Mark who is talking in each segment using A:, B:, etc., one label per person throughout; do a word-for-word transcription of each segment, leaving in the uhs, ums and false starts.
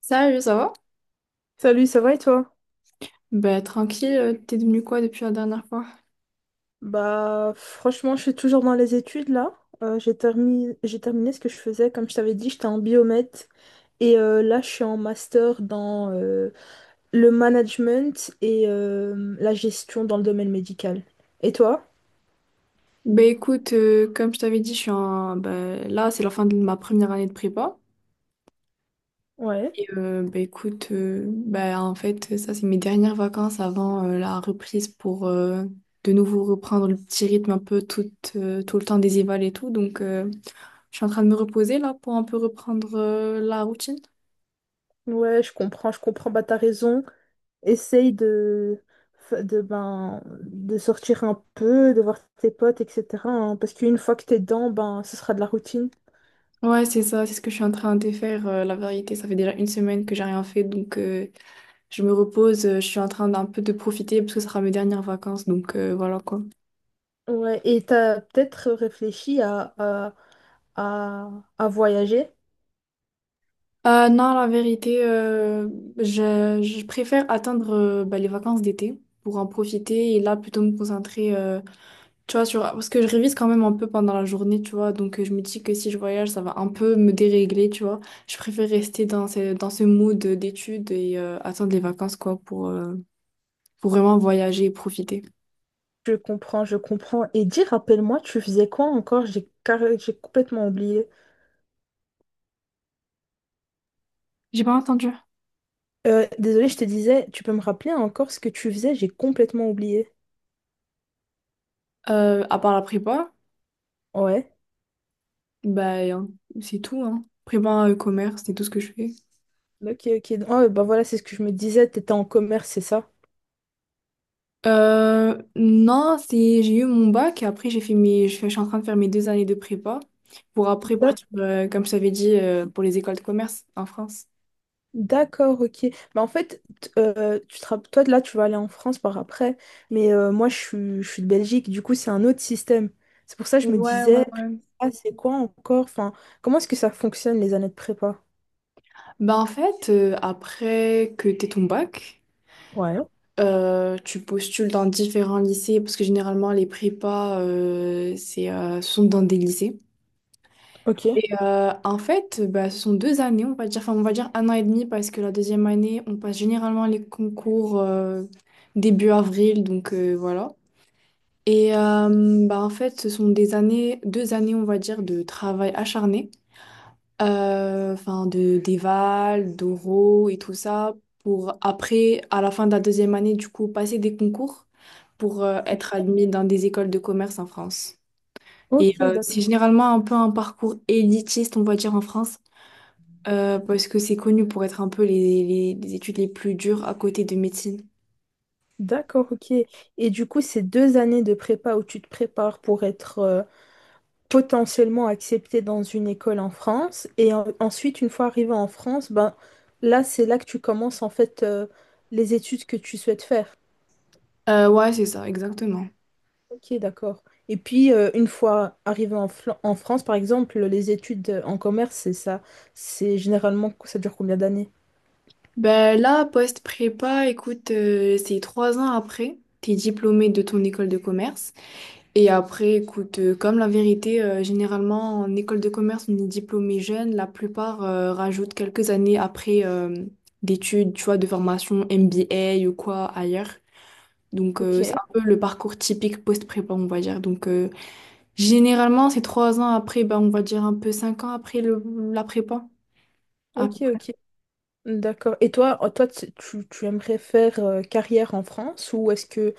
A: Salut, ça va?
B: Salut, ça va et toi?
A: Bah tranquille, euh, t'es devenu quoi depuis la dernière fois?
B: Bah franchement, je suis toujours dans les études là. Euh, j'ai terminé, j'ai terminé ce que je faisais. Comme je t'avais dit, j'étais en biomètre. Et euh, là, je suis en master dans euh, le management et euh, la gestion dans le domaine médical. Et toi?
A: Bah écoute, euh, comme je t'avais dit, je suis en... bah, là c'est la fin de ma première année de prépa.
B: Ouais.
A: Et euh, bah écoute, euh, bah en fait ça c'est mes dernières vacances avant euh, la reprise pour euh, de nouveau reprendre le petit rythme un peu tout, euh, tout le temps des évals et tout. Donc euh, je suis en train de me reposer là pour un peu reprendre euh, la routine.
B: Ouais, je comprends, je comprends. Bah t'as raison. Essaye de, de, ben, de sortir un peu, de voir tes potes, et cetera hein, parce qu'une fois que t'es dedans, ben, ce sera de la routine.
A: Ouais, c'est ça, c'est ce que je suis en train de faire. Euh, la vérité, ça fait déjà une semaine que j'ai rien fait, donc... euh, je me repose, euh, je suis en train d'un peu de profiter parce que ce sera mes dernières vacances, donc euh, voilà quoi.
B: Ouais, et t'as peut-être réfléchi à, à, à, à voyager.
A: Euh, non, la vérité, euh, je, je préfère attendre euh, bah, les vacances d'été pour en profiter et là plutôt me concentrer, euh, tu vois, sur... parce que je révise quand même un peu pendant la journée, tu vois, donc euh, je me dis que si je voyage, ça va un peu me dérégler, tu vois. Je préfère rester dans ce, dans ce mood d'études et euh, attendre les vacances, quoi, pour, euh, pour vraiment voyager et profiter.
B: Je comprends, je comprends. Et dis, rappelle-moi, tu faisais quoi encore? J'ai carré- j'ai complètement oublié.
A: J'ai pas entendu.
B: Euh, désolée, je te disais, tu peux me rappeler encore ce que tu faisais? J'ai complètement oublié.
A: Euh, à part la prépa.
B: Ouais.
A: Bah, hein, c'est tout, hein. Prépa euh, commerce, c'est tout ce que je fais.
B: Ok, ok. Ah, bah voilà, c'est ce que je me disais. T'étais en commerce, c'est ça?
A: Euh, non, c'est, j'ai eu mon bac et après, j'ai fait mes, je fais- je suis en train de faire mes deux années de prépa pour après partir, euh, comme je t'avais dit, euh, pour les écoles de commerce en France.
B: D'accord, ok. Bah, en fait, t- euh, tu te rapp- toi, là, tu vas aller en France par après, mais euh, moi, je suis, je suis de Belgique, du coup, c'est un autre système. C'est pour ça que je me
A: Ouais, ouais,
B: disais,
A: ouais.
B: ah, c'est quoi encore? Enfin, comment est-ce que ça fonctionne, les années de prépa?
A: Bah, en fait, euh, après que t'aies ton bac,
B: Ouais,
A: euh, tu postules dans différents lycées parce que généralement, les prépas, euh, c'est, euh, sont dans des lycées.
B: ok.
A: Euh, en fait, bah, ce sont deux années, on va dire, enfin, on va dire un an et demi, parce que la deuxième année, on passe généralement les concours euh, début avril, donc euh, voilà. Et euh, bah, en fait, ce sont des années, deux années, on va dire, de travail acharné, euh, enfin, de d'éval, d'oraux et tout ça, pour après, à la fin de la deuxième année, du coup, passer des concours pour euh, être
B: Ok,
A: admis dans des écoles de commerce en France. Et
B: ok,
A: euh, c'est
B: d'accord.
A: généralement un peu un parcours élitiste, on va dire, en France. Euh, parce que c'est connu pour être un peu les, les- les études les plus dures à côté de médecine.
B: D'accord, ok. Et du coup, ces deux années de prépa où tu te prépares pour être euh, potentiellement accepté dans une école en France. Et en- ensuite, une fois arrivé en France, ben, là, c'est là que tu commences en fait euh, les études que tu souhaites faire.
A: Euh, ouais, c'est ça, exactement.
B: Ok, d'accord. Et puis, euh, une fois arrivé en, Fla- en France, par exemple, les études en commerce, c'est ça. C'est généralement, ça dure combien d'années?
A: Ben là, post-prépa, écoute, euh, c'est trois ans après, t'es diplômé de ton école de commerce. Et après, écoute, euh, comme la vérité, euh, généralement, en école de commerce, on est diplômé jeune. La plupart euh, rajoutent quelques années après euh, d'études, tu vois, de formation M B A ou quoi ailleurs. Donc,
B: Ok,
A: euh, c'est un peu le parcours typique post-prépa, on va dire. Donc, euh, généralement, c'est trois ans après, bah, on va dire un peu cinq ans après le, la prépa, à peu
B: ok,
A: près.
B: ok. D'accord. Et toi, euh, toi, tu, tu- tu aimerais faire euh, carrière en France ou est-ce que,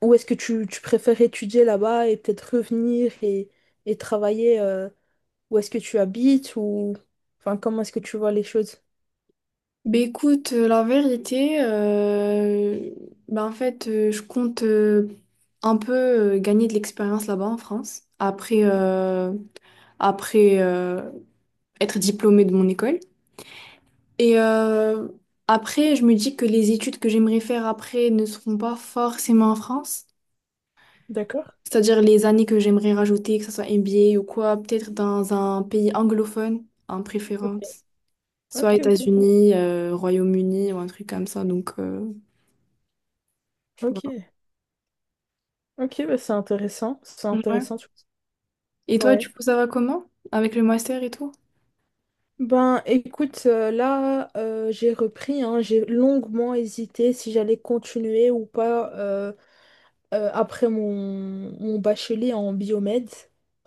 B: ou est-ce que tu, tu préfères étudier là-bas et peut-être revenir et, et travailler euh, où est-ce que tu habites ou enfin comment est-ce que tu vois les choses?
A: Bah, écoute, euh, la vérité, euh, bah, en fait, euh, je compte euh, un peu euh, gagner de l'expérience là-bas en France, après, euh, après euh, être diplômée de mon école. Et euh, après, je me dis que les études que j'aimerais faire après ne seront pas forcément en France.
B: D'accord.
A: C'est-à-dire les années que j'aimerais rajouter, que ce soit M B A ou quoi, peut-être dans un pays anglophone en
B: Ok,
A: préférence,
B: ok,
A: soit
B: ok,
A: États-Unis, euh, Royaume-Uni ou un truc comme ça. Donc euh,
B: ok,
A: voilà.
B: ok, bah c'est intéressant, c'est
A: Ouais.
B: intéressant. tu-
A: Et toi, du
B: Ouais.
A: coup, ça va comment? Avec le master et tout?
B: Ben écoute, euh, là euh, j'ai repris, hein, j'ai longuement hésité si j'allais continuer ou pas euh, euh, après mon, mon bachelier en biomède.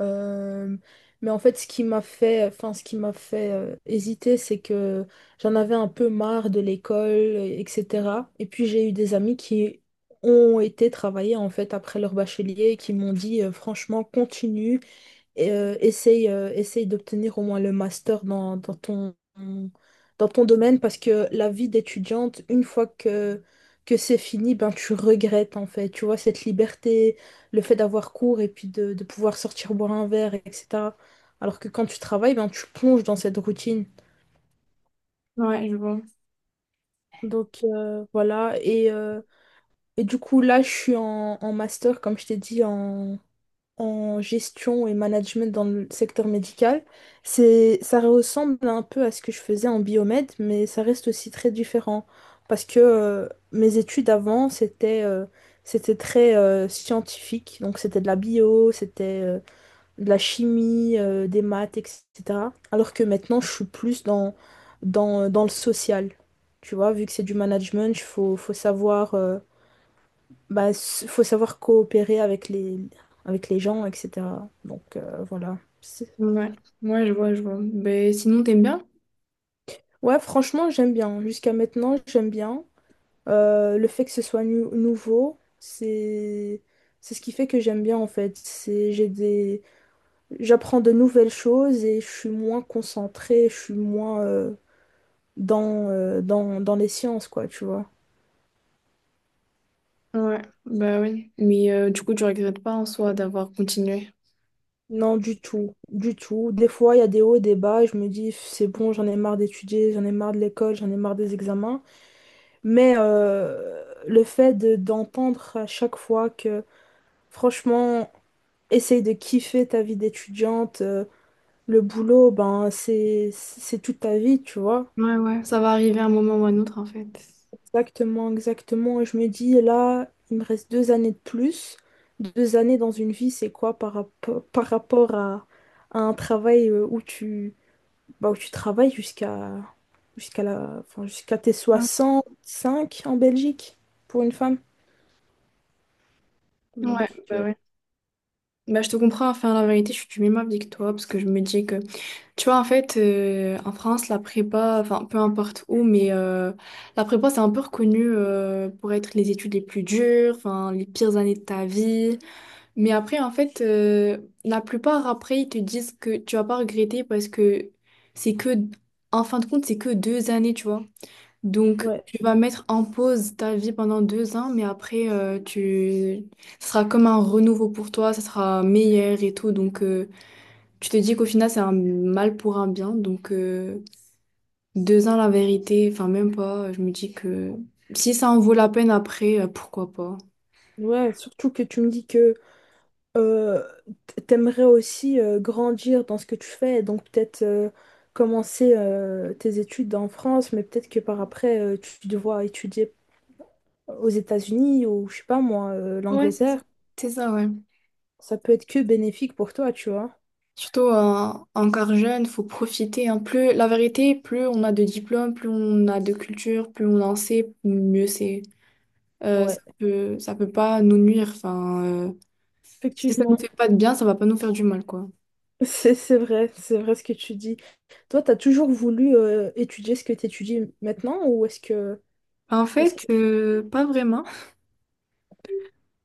B: Euh, mais en fait, ce qui m'a fait, enfin, ce qui m'a fait euh, hésiter, c'est que j'en avais un peu marre de l'école, euh, et cetera. Et puis j'ai eu des amis qui ont été travailler en fait après leur bachelier et qui m'ont dit euh, franchement, continue et, euh, essaye, euh, essaye d'obtenir au moins le master dans, dans ton, dans ton domaine parce que la vie d'étudiante, une fois que, que c'est fini, ben, tu regrettes en fait. Tu vois, cette liberté, le fait d'avoir cours et puis de, de pouvoir sortir boire un verre, et cetera. Alors que quand tu travailles, ben, tu plonges dans cette routine.
A: Ouais, je vois.
B: Donc euh, voilà, et, euh, et du coup là je suis en, en master, comme je t'ai dit, en, en gestion et management dans le secteur médical. C'est, ça ressemble un peu à ce que je faisais en biomède, mais ça reste aussi très différent parce que euh, mes études avant, c'était euh, c'était très euh, scientifique, donc c'était de la bio, c'était euh, de la chimie, euh, des maths, et cetera. Alors que maintenant, je suis plus dans, dans, dans le social. Tu vois, vu que c'est du management, il faut, faut savoir... euh, bah, s- faut savoir coopérer avec les, avec les gens, et cetera. Donc euh, voilà. C'est-
A: Ouais, ouais, je vois, je vois. Ben, sinon, t'aimes bien?
B: Ouais, franchement, j'aime bien. Jusqu'à maintenant, j'aime bien. Euh, le fait que ce soit nu- nouveau, c'est c'est ce qui fait que j'aime bien en fait. C'est j'ai des J'apprends de nouvelles choses et je suis moins concentrée, je suis moins euh, dans, euh, dans dans les sciences quoi, tu vois.
A: Ouais, bah oui. Mais euh, du coup, tu regrettes pas en soi d'avoir continué.
B: Non, du tout, du tout. Des fois, il y a des hauts et des bas et je me dis c'est bon, j'en ai marre d'étudier, j'en ai marre de l'école, j'en ai marre des examens. Mais euh, le fait de- d'entendre à chaque fois que, franchement, essaye de kiffer ta vie d'étudiante, euh, le boulot, ben, c'est, c'est toute ta vie, tu vois.
A: Ouais, ouais, ça va arriver un moment ou un autre en fait.
B: Exactement, exactement. Et je me dis, là, il me reste deux années de plus. Deux années dans une vie, c'est quoi par, rapport- par rapport à, à un travail euh, où tu, bah, où tu travailles jusqu'à jusqu'à la, enfin, jusqu'à tes
A: Ouais,
B: soixante cinq en Belgique pour une femme.
A: ouais,
B: Donc,
A: bah
B: euh,
A: ouais. Bah je te comprends, enfin la vérité, je suis du même avis que toi, parce que je me dis que tu vois, en fait, euh, en France, la prépa, enfin, peu importe où, mais euh, la prépa, c'est un peu reconnu euh, pour être les études les plus dures, enfin, les pires années de ta vie. Mais après, en fait, euh, la plupart, après, ils te disent que tu vas pas regretter parce que c'est que, en fin de compte, c'est que deux années, tu vois. Donc,
B: Ouais.
A: tu vas mettre en pause ta vie pendant deux ans, mais après, euh, tu... ça sera comme un renouveau pour toi, ça sera meilleur et tout, donc... euh, tu te dis qu'au final, c'est un mal pour un bien. Donc, euh, deux ans, la vérité, enfin, même pas. Je me dis que si ça en vaut la peine après, euh, pourquoi pas.
B: Ouais, surtout que tu me dis que euh, t- t'aimerais aussi euh, grandir dans ce que tu fais, donc peut-être euh, commencer euh, tes études en France, mais peut-être que par après euh, tu devras étudier aux États-Unis ou je sais pas moi, euh,
A: Ouais, c'est ça.
B: l'Angleterre.
A: C'est ça, ouais.
B: Ça peut être que bénéfique pour toi, tu vois.
A: Surtout en encore jeune, faut profiter, hein. Plus, la vérité, plus on a de diplômes, plus on a de culture, plus on en sait, mieux c'est. Euh, ça
B: Ouais,
A: peut, ça peut pas nous nuire. Enfin, euh, si ça nous
B: effectivement.
A: fait pas de bien, ça va pas nous faire du mal, quoi.
B: C'est c'est vrai, c'est vrai ce que tu dis. Toi, t'as toujours voulu euh, étudier ce que t'étudies maintenant ou est-ce que
A: En
B: est-ce
A: fait,
B: que
A: euh, pas vraiment.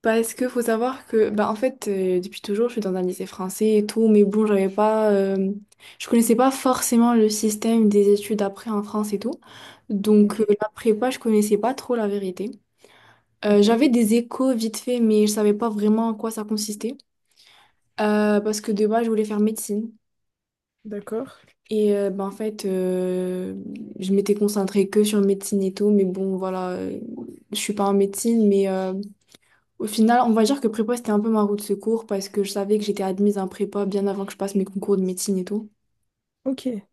A: Parce que faut savoir que, bah, en fait, euh, depuis toujours, je suis dans un lycée français et tout, mais bon, j'avais pas, euh, je connaissais pas forcément le système des études après en France et tout.
B: Ok,
A: Donc, euh, la prépa, je connaissais pas trop la vérité. Euh,
B: ok,
A: j'avais des échos vite fait, mais je savais pas vraiment en quoi ça consistait. Euh, parce que de base, je voulais faire médecine.
B: d'accord.
A: Et euh, bah, en fait, euh, je m'étais concentrée que sur médecine et tout, mais bon, voilà, euh, je suis pas en médecine, mais. euh, au final, on va dire que prépa, c'était un peu ma roue de secours parce que je savais que j'étais admise en prépa bien avant que je passe mes concours de médecine et tout.
B: Ok,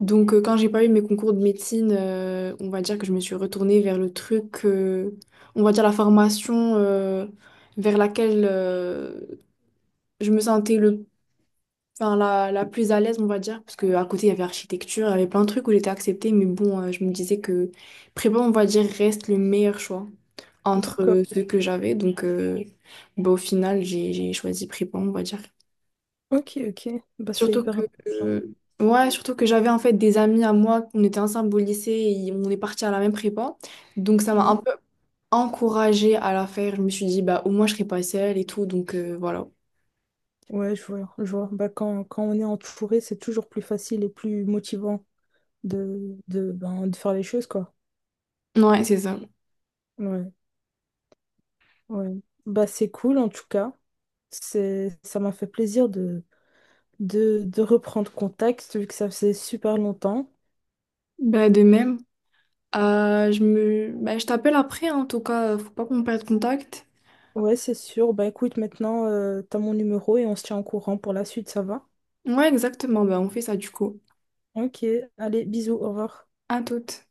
A: Donc, euh, quand j'ai pas eu mes concours de médecine, euh, on va dire que je me suis retournée vers le truc, euh, on va dire la formation euh, vers laquelle euh, je me sentais le enfin, la, la plus à l'aise, on va dire, parce que à côté, il y avait architecture, il y avait plein de trucs où j'étais acceptée, mais bon, euh, je me disais que prépa, on va dire, reste le meilleur choix entre
B: d'accord.
A: euh, ceux que j'avais. Donc, euh, bah, au final, j'ai, j'ai choisi prépa, on va dire.
B: Ok, ok. Bah, c'est
A: Surtout
B: hyper
A: que,
B: intéressant.
A: euh, ouais, surtout que j'avais en fait des amis à moi, on était ensemble au lycée et on est partis à la même prépa. Donc, ça m'a un
B: Oui.
A: peu encouragée à la faire. Je me suis dit, bah, au moins, je serai pas seule et tout. Donc, euh, voilà.
B: Ouais, je vois, je vois. Bah, quand, quand on est entouré, c'est toujours plus facile et plus motivant de, de, ben, de faire les choses, quoi.
A: Ouais, c'est ça.
B: Ouais, ouais. Bah, c'est cool, en tout cas. C'est, ça m'a fait plaisir de, de, de reprendre contact, vu que ça faisait super longtemps.
A: Bah, de même. Euh, je me... bah, je t'appelle après, hein, en tout cas, faut pas qu'on perde contact.
B: Ouais, c'est sûr. Bah, écoute, maintenant, euh, t'as mon numéro et on se tient au courant pour la suite, ça va?
A: Ouais, exactement, bah, on fait ça du coup.
B: Ok, allez, bisous, au revoir.
A: À toute.